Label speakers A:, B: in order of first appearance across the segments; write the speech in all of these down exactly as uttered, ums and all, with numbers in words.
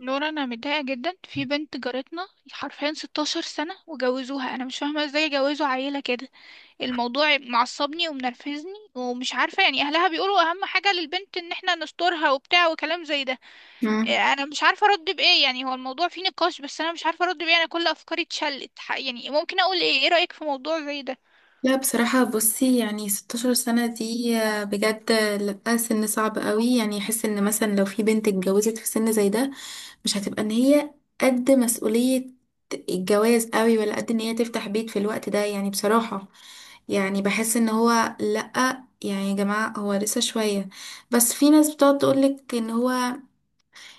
A: نورا، انا متضايقه جدا في بنت جارتنا. حرفيا ستاشر سنه وجوزوها. انا مش فاهمه ازاي جوزوا عيله كده. الموضوع معصبني ومنرفزني ومش عارفه. يعني اهلها بيقولوا اهم حاجه للبنت ان احنا نسترها وبتاع وكلام زي ده.
B: مم.
A: إيه، انا مش عارفه ارد بايه. يعني هو الموضوع فيه نقاش، بس انا مش عارفه ارد بايه. انا كل افكاري اتشلت. ح- يعني ممكن اقول ايه؟ ايه رايك في موضوع زي
B: لا بصراحة بصي، يعني 16 سنة دي آه، بجد لا، سن صعب قوي. يعني يحس ان مثلا لو في بنت اتجوزت في سن زي ده، مش هتبقى ان هي قد مسؤولية الجواز قوي، ولا قد ان هي تفتح بيت في الوقت ده. يعني بصراحة، يعني بحس ان هو لا، يعني يا جماعة هو لسه شوية. بس في ناس بتقعد تقولك ان هو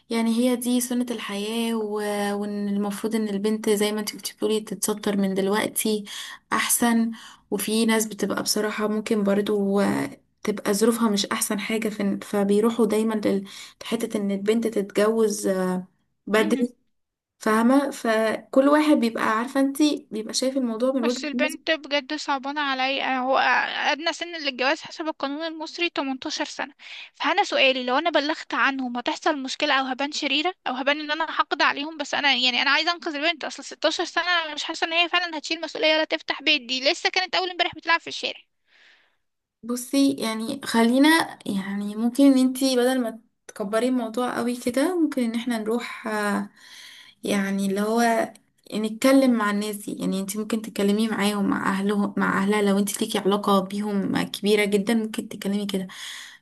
B: يعني هي دي سنة الحياة، و... وإن المفروض إن البنت زي ما انت كنت بتقولي تتستر من دلوقتي أحسن. وفي ناس بتبقى بصراحة ممكن برضو آه، تبقى ظروفها مش أحسن حاجة، ف... فبيروحوا دايما لل- لحتة إن البنت تتجوز آه،
A: ده؟
B: بدري. فاهمة؟ فكل واحد بيبقى عارفة انت، بيبقى شايف الموضوع من
A: بس
B: وجهة
A: البنت
B: نظره.
A: بجد صعبانة عليا. هو أدنى سن للجواز حسب القانون المصري تمنتاشر سنة. فأنا سؤالي، لو أنا بلغت عنهم هتحصل مشكلة، أو هبان شريرة، أو هبان إن أنا حقد عليهم؟ بس أنا يعني أنا عايزة أنقذ البنت. أصل ستة عشر سنة، أنا مش حاسة إن هي فعلا هتشيل مسؤولية ولا تفتح بيت. دي لسه كانت أول امبارح بتلعب في الشارع.
B: بصي يعني، خلينا يعني ممكن ان انتي بدل ما تكبري الموضوع قوي كده، ممكن ان احنا نروح آه، يعني اللي هو نتكلم مع الناس دي. يعني انتي ممكن تتكلمي معاهم، مع اهلهم، مع اهلها. لو انتي ليكي علاقة بيهم كبيرة جدا ممكن تتكلمي كده.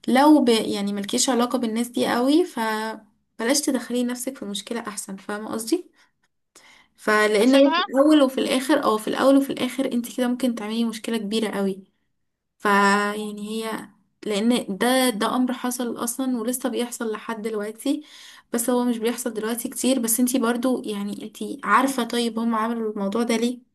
B: لو ب يعني ملكيش علاقة بالناس دي قوي، فبلاش تدخلي نفسك في مشكلة احسن، فاهمة قصدي؟ فلان هي في
A: أسيبها؟
B: الاول وفي الاخر، او في الاول وفي الاخر انتي كده ممكن تعملي مشكلة كبيرة قوي. فيعني هي، لان ده ده امر حصل اصلا ولسه بيحصل لحد دلوقتي. بس هو مش بيحصل دلوقتي كتير. بس انتي برضو، يعني انتي عارفة، طيب هم عملوا الموضوع ده ليه؟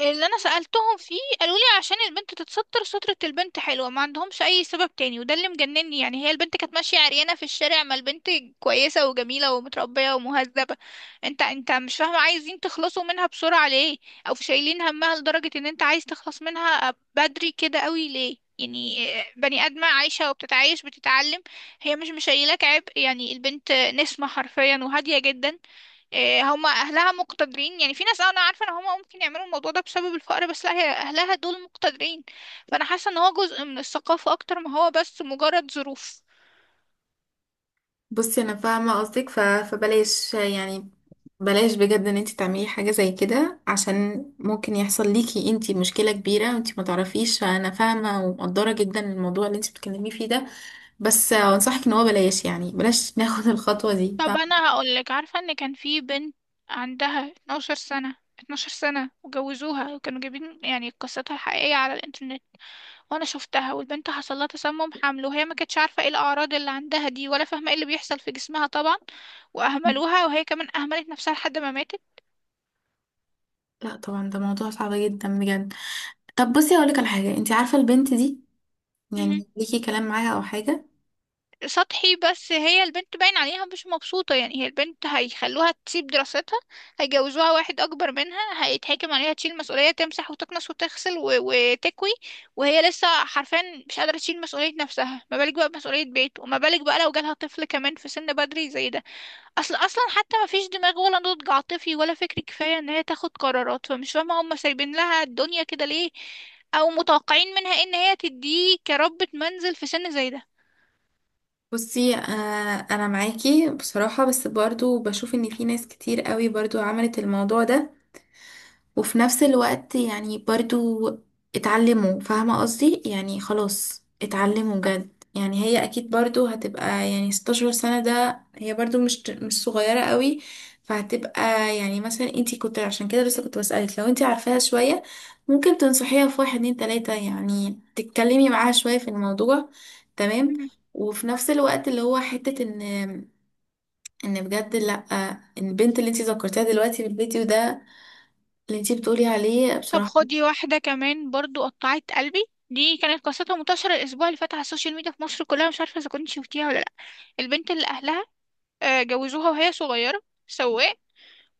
A: اللي انا سألتهم فيه، قالوا لي عشان البنت تتستر. سترة البنت حلوة، ما عندهمش اي سبب تاني، وده اللي مجنني. يعني هي البنت كانت ماشية عريانة في الشارع؟ ما البنت كويسة وجميلة ومتربية ومهذبة. انت انت مش فاهمة، عايزين تخلصوا منها بسرعة ليه؟ او شايلين همها لدرجة ان انت عايز تخلص منها بدري كده قوي ليه؟ يعني آه، بني آدمة عايشة وبتتعايش بتتعلم. هي مش مشايلاك عبء. يعني البنت نسمة حرفيا وهادية جدا. إيه، هما اهلها مقتدرين. يعني في ناس، أه، انا عارفه ان هما ممكن يعملوا الموضوع ده بسبب الفقر، بس لا، هي اهلها دول مقتدرين. فانا حاسه ان هو جزء من الثقافه اكتر ما هو بس مجرد ظروف.
B: بصي انا فاهمة قصدك، ف... فبلاش يعني، بلاش بجد ان انتي تعملي حاجة زي كده عشان ممكن يحصل ليكي انتي مشكلة كبيرة وانتي ما تعرفيش. فانا فاهمة ومقدرة جدا الموضوع اللي انتي بتتكلمي فيه ده. بس انصحك ان هو بلاش، يعني بلاش ناخد الخطوة دي،
A: طب
B: فاهمة؟
A: انا هقول لك، عارفه ان كان في بنت عندها اتناشر سنه، اتناشر سنه وجوزوها، وكانوا جايبين يعني قصتها الحقيقيه على الانترنت. وانا شفتها، والبنت حصل لها تسمم حمل، وهي ما كانتش عارفه ايه الاعراض اللي عندها دي، ولا فاهمه ايه اللي بيحصل في جسمها طبعا. واهملوها، وهي كمان اهملت نفسها لحد ما ماتت.
B: لا طبعا، ده موضوع صعب جدا بجد. طب بصي، هقولك على حاجه. انت عارفه البنت دي؟ يعني ليكي كلام معاها او حاجه؟
A: سطحي، بس هي البنت باين عليها مش مبسوطة. يعني هي البنت هيخلوها تسيب دراستها، هيجوزوها واحد أكبر منها، هيتحكم عليها، تشيل مسؤولية، تمسح وتكنس وتغسل و... وتكوي. وهي لسه حرفيا مش قادرة تشيل مسؤولية نفسها، ما بالك بقى بمسؤولية بيت، وما بالك بقى لو جالها طفل كمان في سن بدري زي ده. أصل أصلا حتى ما فيش دماغ ولا نضج عاطفي ولا فكري كفاية إن هي تاخد قرارات. فمش فاهمة هما سايبين لها الدنيا كده ليه، أو متوقعين منها إن هي تديه كربة منزل في سن زي ده.
B: بصي آه، انا معاكي بصراحه، بس برضو بشوف ان في ناس كتير قوي برضو عملت الموضوع ده، وفي نفس الوقت يعني برضو اتعلموا، فاهمة قصدي؟ يعني خلاص اتعلموا جد. يعني هي اكيد برضو هتبقى، يعني 16 سنة ده هي برضو مش مش صغيرة قوي. فهتبقى يعني مثلا، انتي كنت عشان كده لسه كنت بسألك لو انتي عارفاها شوية ممكن تنصحيها في واحد اتنين تلاتة، يعني تتكلمي معاها شوية في الموضوع، تمام؟ وفي نفس الوقت اللي هو حتة ان، ان بجد لأ، ان البنت اللي انتي ذكرتيها دلوقتي في الفيديو ده، اللي انتي بتقولي عليه
A: طب
B: بصراحة.
A: خدي واحدة كمان، برضو قطعت قلبي. دي كانت قصتها منتشرة الأسبوع اللي فات على السوشيال ميديا في مصر كلها، مش عارفة إذا كنت شفتيها ولا لأ. البنت اللي أهلها آه، جوزوها وهي صغيرة سواق،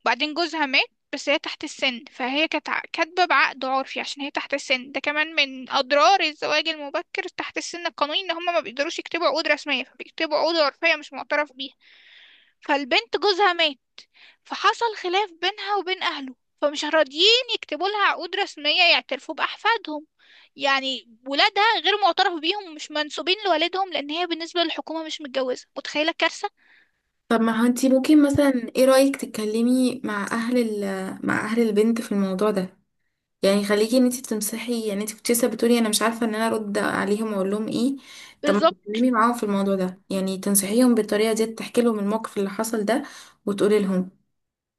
A: بعدين جوزها مات. بس هي تحت السن، فهي كانت ع- كاتبة بعقد عرفي عشان هي تحت السن. ده كمان من أضرار الزواج المبكر تحت السن القانوني، إن هما ما بيقدروا يكتبوا عقود رسمية، فبيكتبوا عقود عرفية مش معترف بيها. فالبنت جوزها مات، فحصل خلاف بينها وبين أهله، فمش راضيين يكتبوا لها عقود رسمية يعترفوا بأحفادهم. يعني ولادها غير معترف بيهم، ومش منسوبين لوالدهم، لأن هي بالنسبة للحكومة مش متجوزة. متخيلة الكارثة؟
B: طب ما هو انتي ممكن مثلا، ايه رأيك تتكلمي مع اهل ال مع اهل البنت في الموضوع ده؟ يعني خليكي ان انتي تمسحي، يعني انتي كنت لسه بتقولي انا مش عارفة ان انا ارد عليهم واقول لهم ايه. طب ما
A: بالظبط.
B: تتكلمي معاهم في الموضوع ده، يعني تنصحيهم بالطريقة دي، تحكي لهم الموقف اللي حصل ده وتقولي لهم.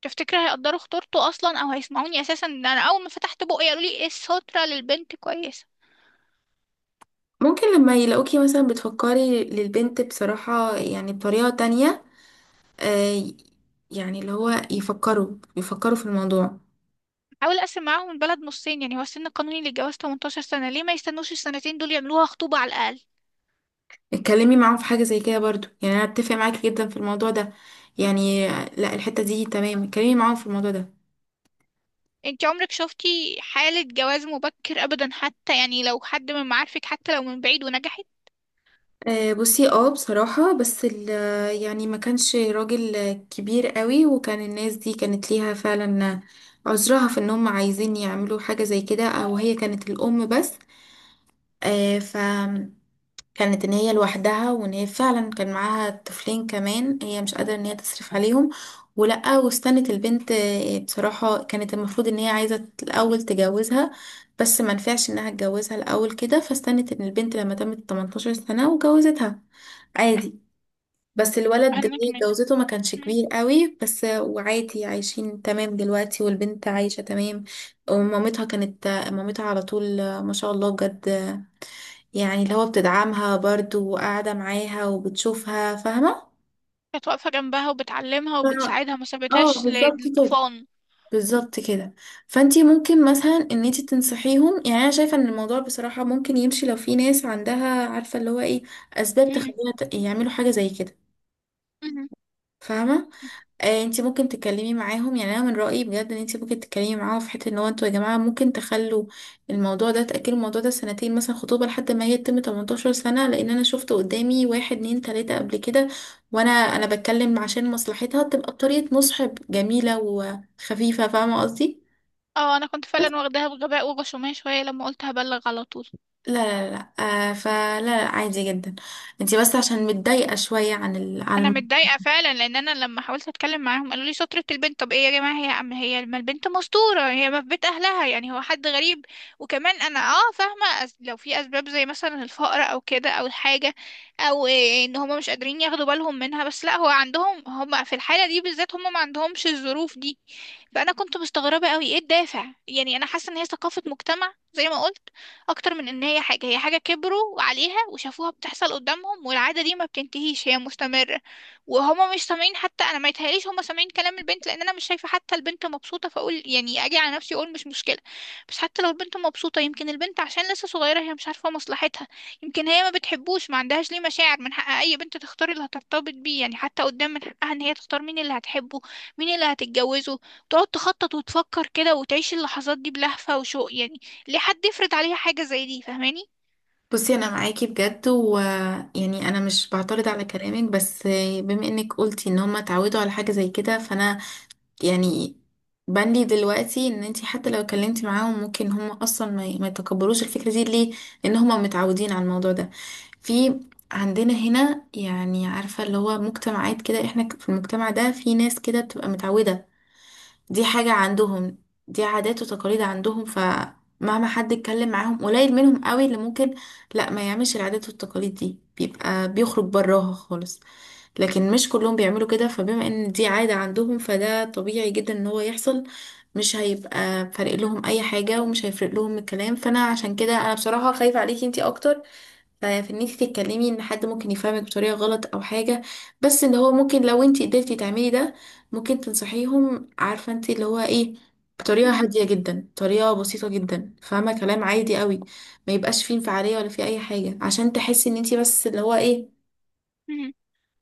A: تفتكر هيقدروا خطورته أصلا، أو هيسمعوني أساسا؟ إن أنا أول ما فتحت بقي قالوا لي إيه؟ السترة للبنت كويسة.
B: ممكن لما يلاقوكي مثلا بتفكري للبنت بصراحة، يعني بطريقة تانية، آه، يعني اللي هو يفكروا يفكروا في الموضوع.
A: حاول أقسم معاهم البلد نصين. يعني هو السن القانوني للجواز تمنتاشر سنة، ليه ما يستنوش السنتين دول، يعملوها خطوبة على الأقل؟
B: اتكلمي معاهم في حاجة زي كده برضو، يعني انا اتفق معاكي جدا في الموضوع ده، يعني لا، الحتة دي تمام، اتكلمي معاهم في الموضوع ده.
A: انت عمرك شفتي حالة جواز مبكر أبدا، حتى يعني لو حد من معارفك، حتى لو من بعيد، ونجحت؟
B: آه، بصي اه بصراحة، بس ال- آه، يعني ما كانش راجل كبير قوي، وكان الناس دي كانت ليها فعلا عذرها في ان هم عايزين يعملوا حاجة زي كده. او هي كانت الام بس، آه، ف كانت ان هي لوحدها، وان هي فعلا كان معاها طفلين كمان هي مش قادرة ان هي تصرف عليهم. ولأ، واستنت البنت آه، بصراحة كانت المفروض ان هي عايزة الأول تجوزها، بس ما نفعش انها تجوزها الأول كده، فاستنت ان البنت لما تمت 18 سنة وجوزتها عادي. بس الولد اللي
A: أنا
B: هي
A: كمان.
B: جوزته ما كانش
A: مم.
B: كبير قوي، بس آه، وعادي عايشين تمام دلوقتي والبنت عايشة تمام. ومامتها كانت آه، مامتها على طول آه، ما شاء الله بجد. يعني اللي هو بتدعمها برضو وقاعدة معاها وبتشوفها، فاهمة؟
A: كانت واقفة جنبها وبتعلمها
B: ف...
A: وبتساعدها، ما
B: اه
A: سابتهاش
B: بالظبط كده،
A: للطوفان.
B: بالظبط كده. فانتي ممكن مثلا ان انتي تنصحيهم. يعني انا شايفة ان الموضوع بصراحة ممكن يمشي لو في ناس عندها عارفة اللي هو ايه اسباب
A: مم.
B: تخليها ت- يعملوا حاجة زي كده،
A: مم.
B: فاهمة؟ آه، انت ممكن تتكلمي معاهم. يعني انا من رأيي بجد ان انت ممكن تتكلمي معاهم في حته ان هو، انتوا يا جماعه ممكن تخلوا الموضوع ده، تأجلوا الموضوع ده سنتين مثلا خطوبه لحد ما هي تتم تمنتاشر سنة سنه، لان انا شفت قدامي واحد اتنين تلاته قبل كده. وانا انا بتكلم عشان مصلحتها تبقى بطريقه مصحب جميله وخفيفه، فاهمه قصدي؟
A: اه، انا كنت فعلا واخداها بغباء وغشومية شوية لما قلت هبلغ على طول.
B: لا لا لا، آه فلا لا، عادي جدا. انت بس عشان متضايقه شويه عن ال...
A: انا
B: عن.
A: متضايقة فعلا، لان انا لما حاولت اتكلم معاهم قالوا لي سترة البنت. طب ايه يا جماعة؟ هي ام؟ هي ما البنت مستورة، هي ما في بيت اهلها، يعني هو حد غريب؟ وكمان انا اه فاهمة. أس- لو في اسباب زي مثلا الفقر او كده، او الحاجة، او إيه، ان هما مش قادرين ياخدوا بالهم منها. بس لا، هو عندهم، هما في الحالة دي بالذات هما ما عندهمش الظروف دي. فانا كنت مستغربه قوي ايه الدافع. يعني انا حاسه ان هي ثقافه مجتمع، زي ما قلت، اكتر من ان هي حاجه. هي حاجه كبروا عليها وشافوها بتحصل قدامهم، والعاده دي ما بتنتهيش، هي مستمره. وهما مش سامعين حتى. انا ما يتهيأليش هما سامعين كلام البنت، لان انا مش شايفه حتى البنت مبسوطه. فاقول يعني اجي على نفسي اقول مش مشكله، بس حتى لو البنت مبسوطه، يمكن البنت عشان لسه صغيره هي مش عارفه مصلحتها. يمكن هي ما بتحبوش، ما عندهاش ليه مشاعر. من حق اي بنت تختار اللي هترتبط بيه، يعني حتى قدام من حقها ان هي تختار مين اللي هتحبه، مين اللي هتتجوزه، تقعد تخطط وتفكر كده وتعيش اللحظات دي بلهفة وشوق، يعني. ليه حد يفرض عليها حاجة زي دي، فاهماني؟
B: بصي انا معاكي بجد، ويعني انا مش بعترض على كلامك، بس بما انك قلتي ان هما اتعودوا على حاجه زي كده، فانا يعني بندي دلوقتي ان انتي حتى لو اتكلمتي معاهم ممكن هما اصلا ما ما يتقبلوش الفكره دي. ليه؟ لان هما متعودين على الموضوع ده. في عندنا هنا، يعني عارفه اللي هو مجتمعات كده، احنا في المجتمع ده في ناس كده بتبقى متعوده. دي حاجة عندهم، دي عادات وتقاليد عندهم، فمهما حد اتكلم معاهم قليل منهم قوي اللي ممكن لا ما يعملش. العادات والتقاليد دي بيبقى بيخرج براها خالص، لكن مش كلهم بيعملوا كده. فبما ان دي عادة عندهم، فده طبيعي جدا ان هو يحصل. مش هيبقى فارق لهم اي حاجة، ومش هيفرق لهم الكلام. فانا عشان كده انا بصراحة خايفة عليكي انتي اكتر، ففي ان انت تتكلمي ان حد ممكن يفهمك بطريقه غلط او حاجه. بس اللي هو ممكن لو انت قدرتي تعملي ده، ممكن تنصحيهم، عارفه انت اللي هو ايه، بطريقه
A: مم.
B: هاديه جدا، طريقه بسيطه جدا، فاهمه؟ كلام عادي قوي، ما يبقاش فيه انفعاليه ولا فيه اي حاجه، عشان تحسي ان انت بس اللي هو ايه،
A: مم.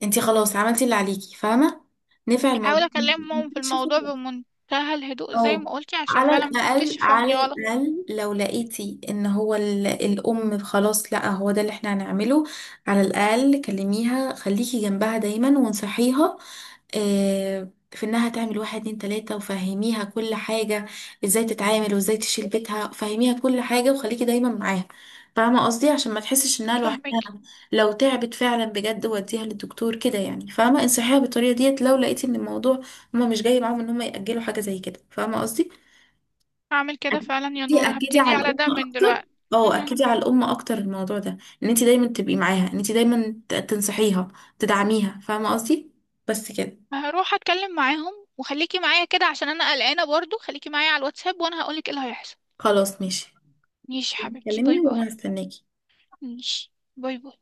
B: انت خلاص عملتي اللي عليكي، فاهمه؟ نفع
A: حاول
B: الموضوع.
A: اكلمهم في الموضوع بمنتهى الهدوء زي
B: اه،
A: ما قلتي، عشان
B: على
A: فعلا
B: الأقل،
A: محدش
B: على
A: يفهمني غلط.
B: الأقل لو لقيتي إن هو ال- الأم خلاص لأ هو ده اللي احنا هنعمله، على الأقل كلميها، خليكي جنبها دايما، وانصحيها آه، في إنها تعمل واحد اتنين تلاتة، وفهميها كل حاجة، ازاي تتعامل وازاي تشيل بيتها، فهميها كل حاجة وخليكي دايما معاها، فاهمة قصدي؟ عشان ما تحسش إنها لوحدها.
A: فاهمك.
B: لو تعبت فعلا بجد وديها للدكتور كده، يعني فاهمة انصحيها بالطريقة ديت لو لقيتي إن الموضوع هما مش جاي معاهم ان هما يأجلوا حاجة زي كده، فاهمة قصدي؟
A: هعمل كده فعلا يا
B: اكدي،
A: نور،
B: اكدي
A: هبتدي
B: على
A: على
B: الام
A: ده من
B: اكتر.
A: دلوقتي.
B: اه
A: مم.
B: اكدي على الام اكتر الموضوع ده، ان انت دايما تبقي معاها، ان انت دايما ت- تنصحيها تدعميها، فاهمة قصدي؟ بس كده.
A: هروح اتكلم معاهم، وخليكي معايا كده عشان انا قلقانة. برضو خليكي معايا على الواتساب، وانا هقولك ايه اللي هيحصل.
B: خلاص ماشي.
A: ماشي حبيبتي، باي
B: كلمني
A: باي.
B: وانا هستناكي.
A: ماشي. باي باي.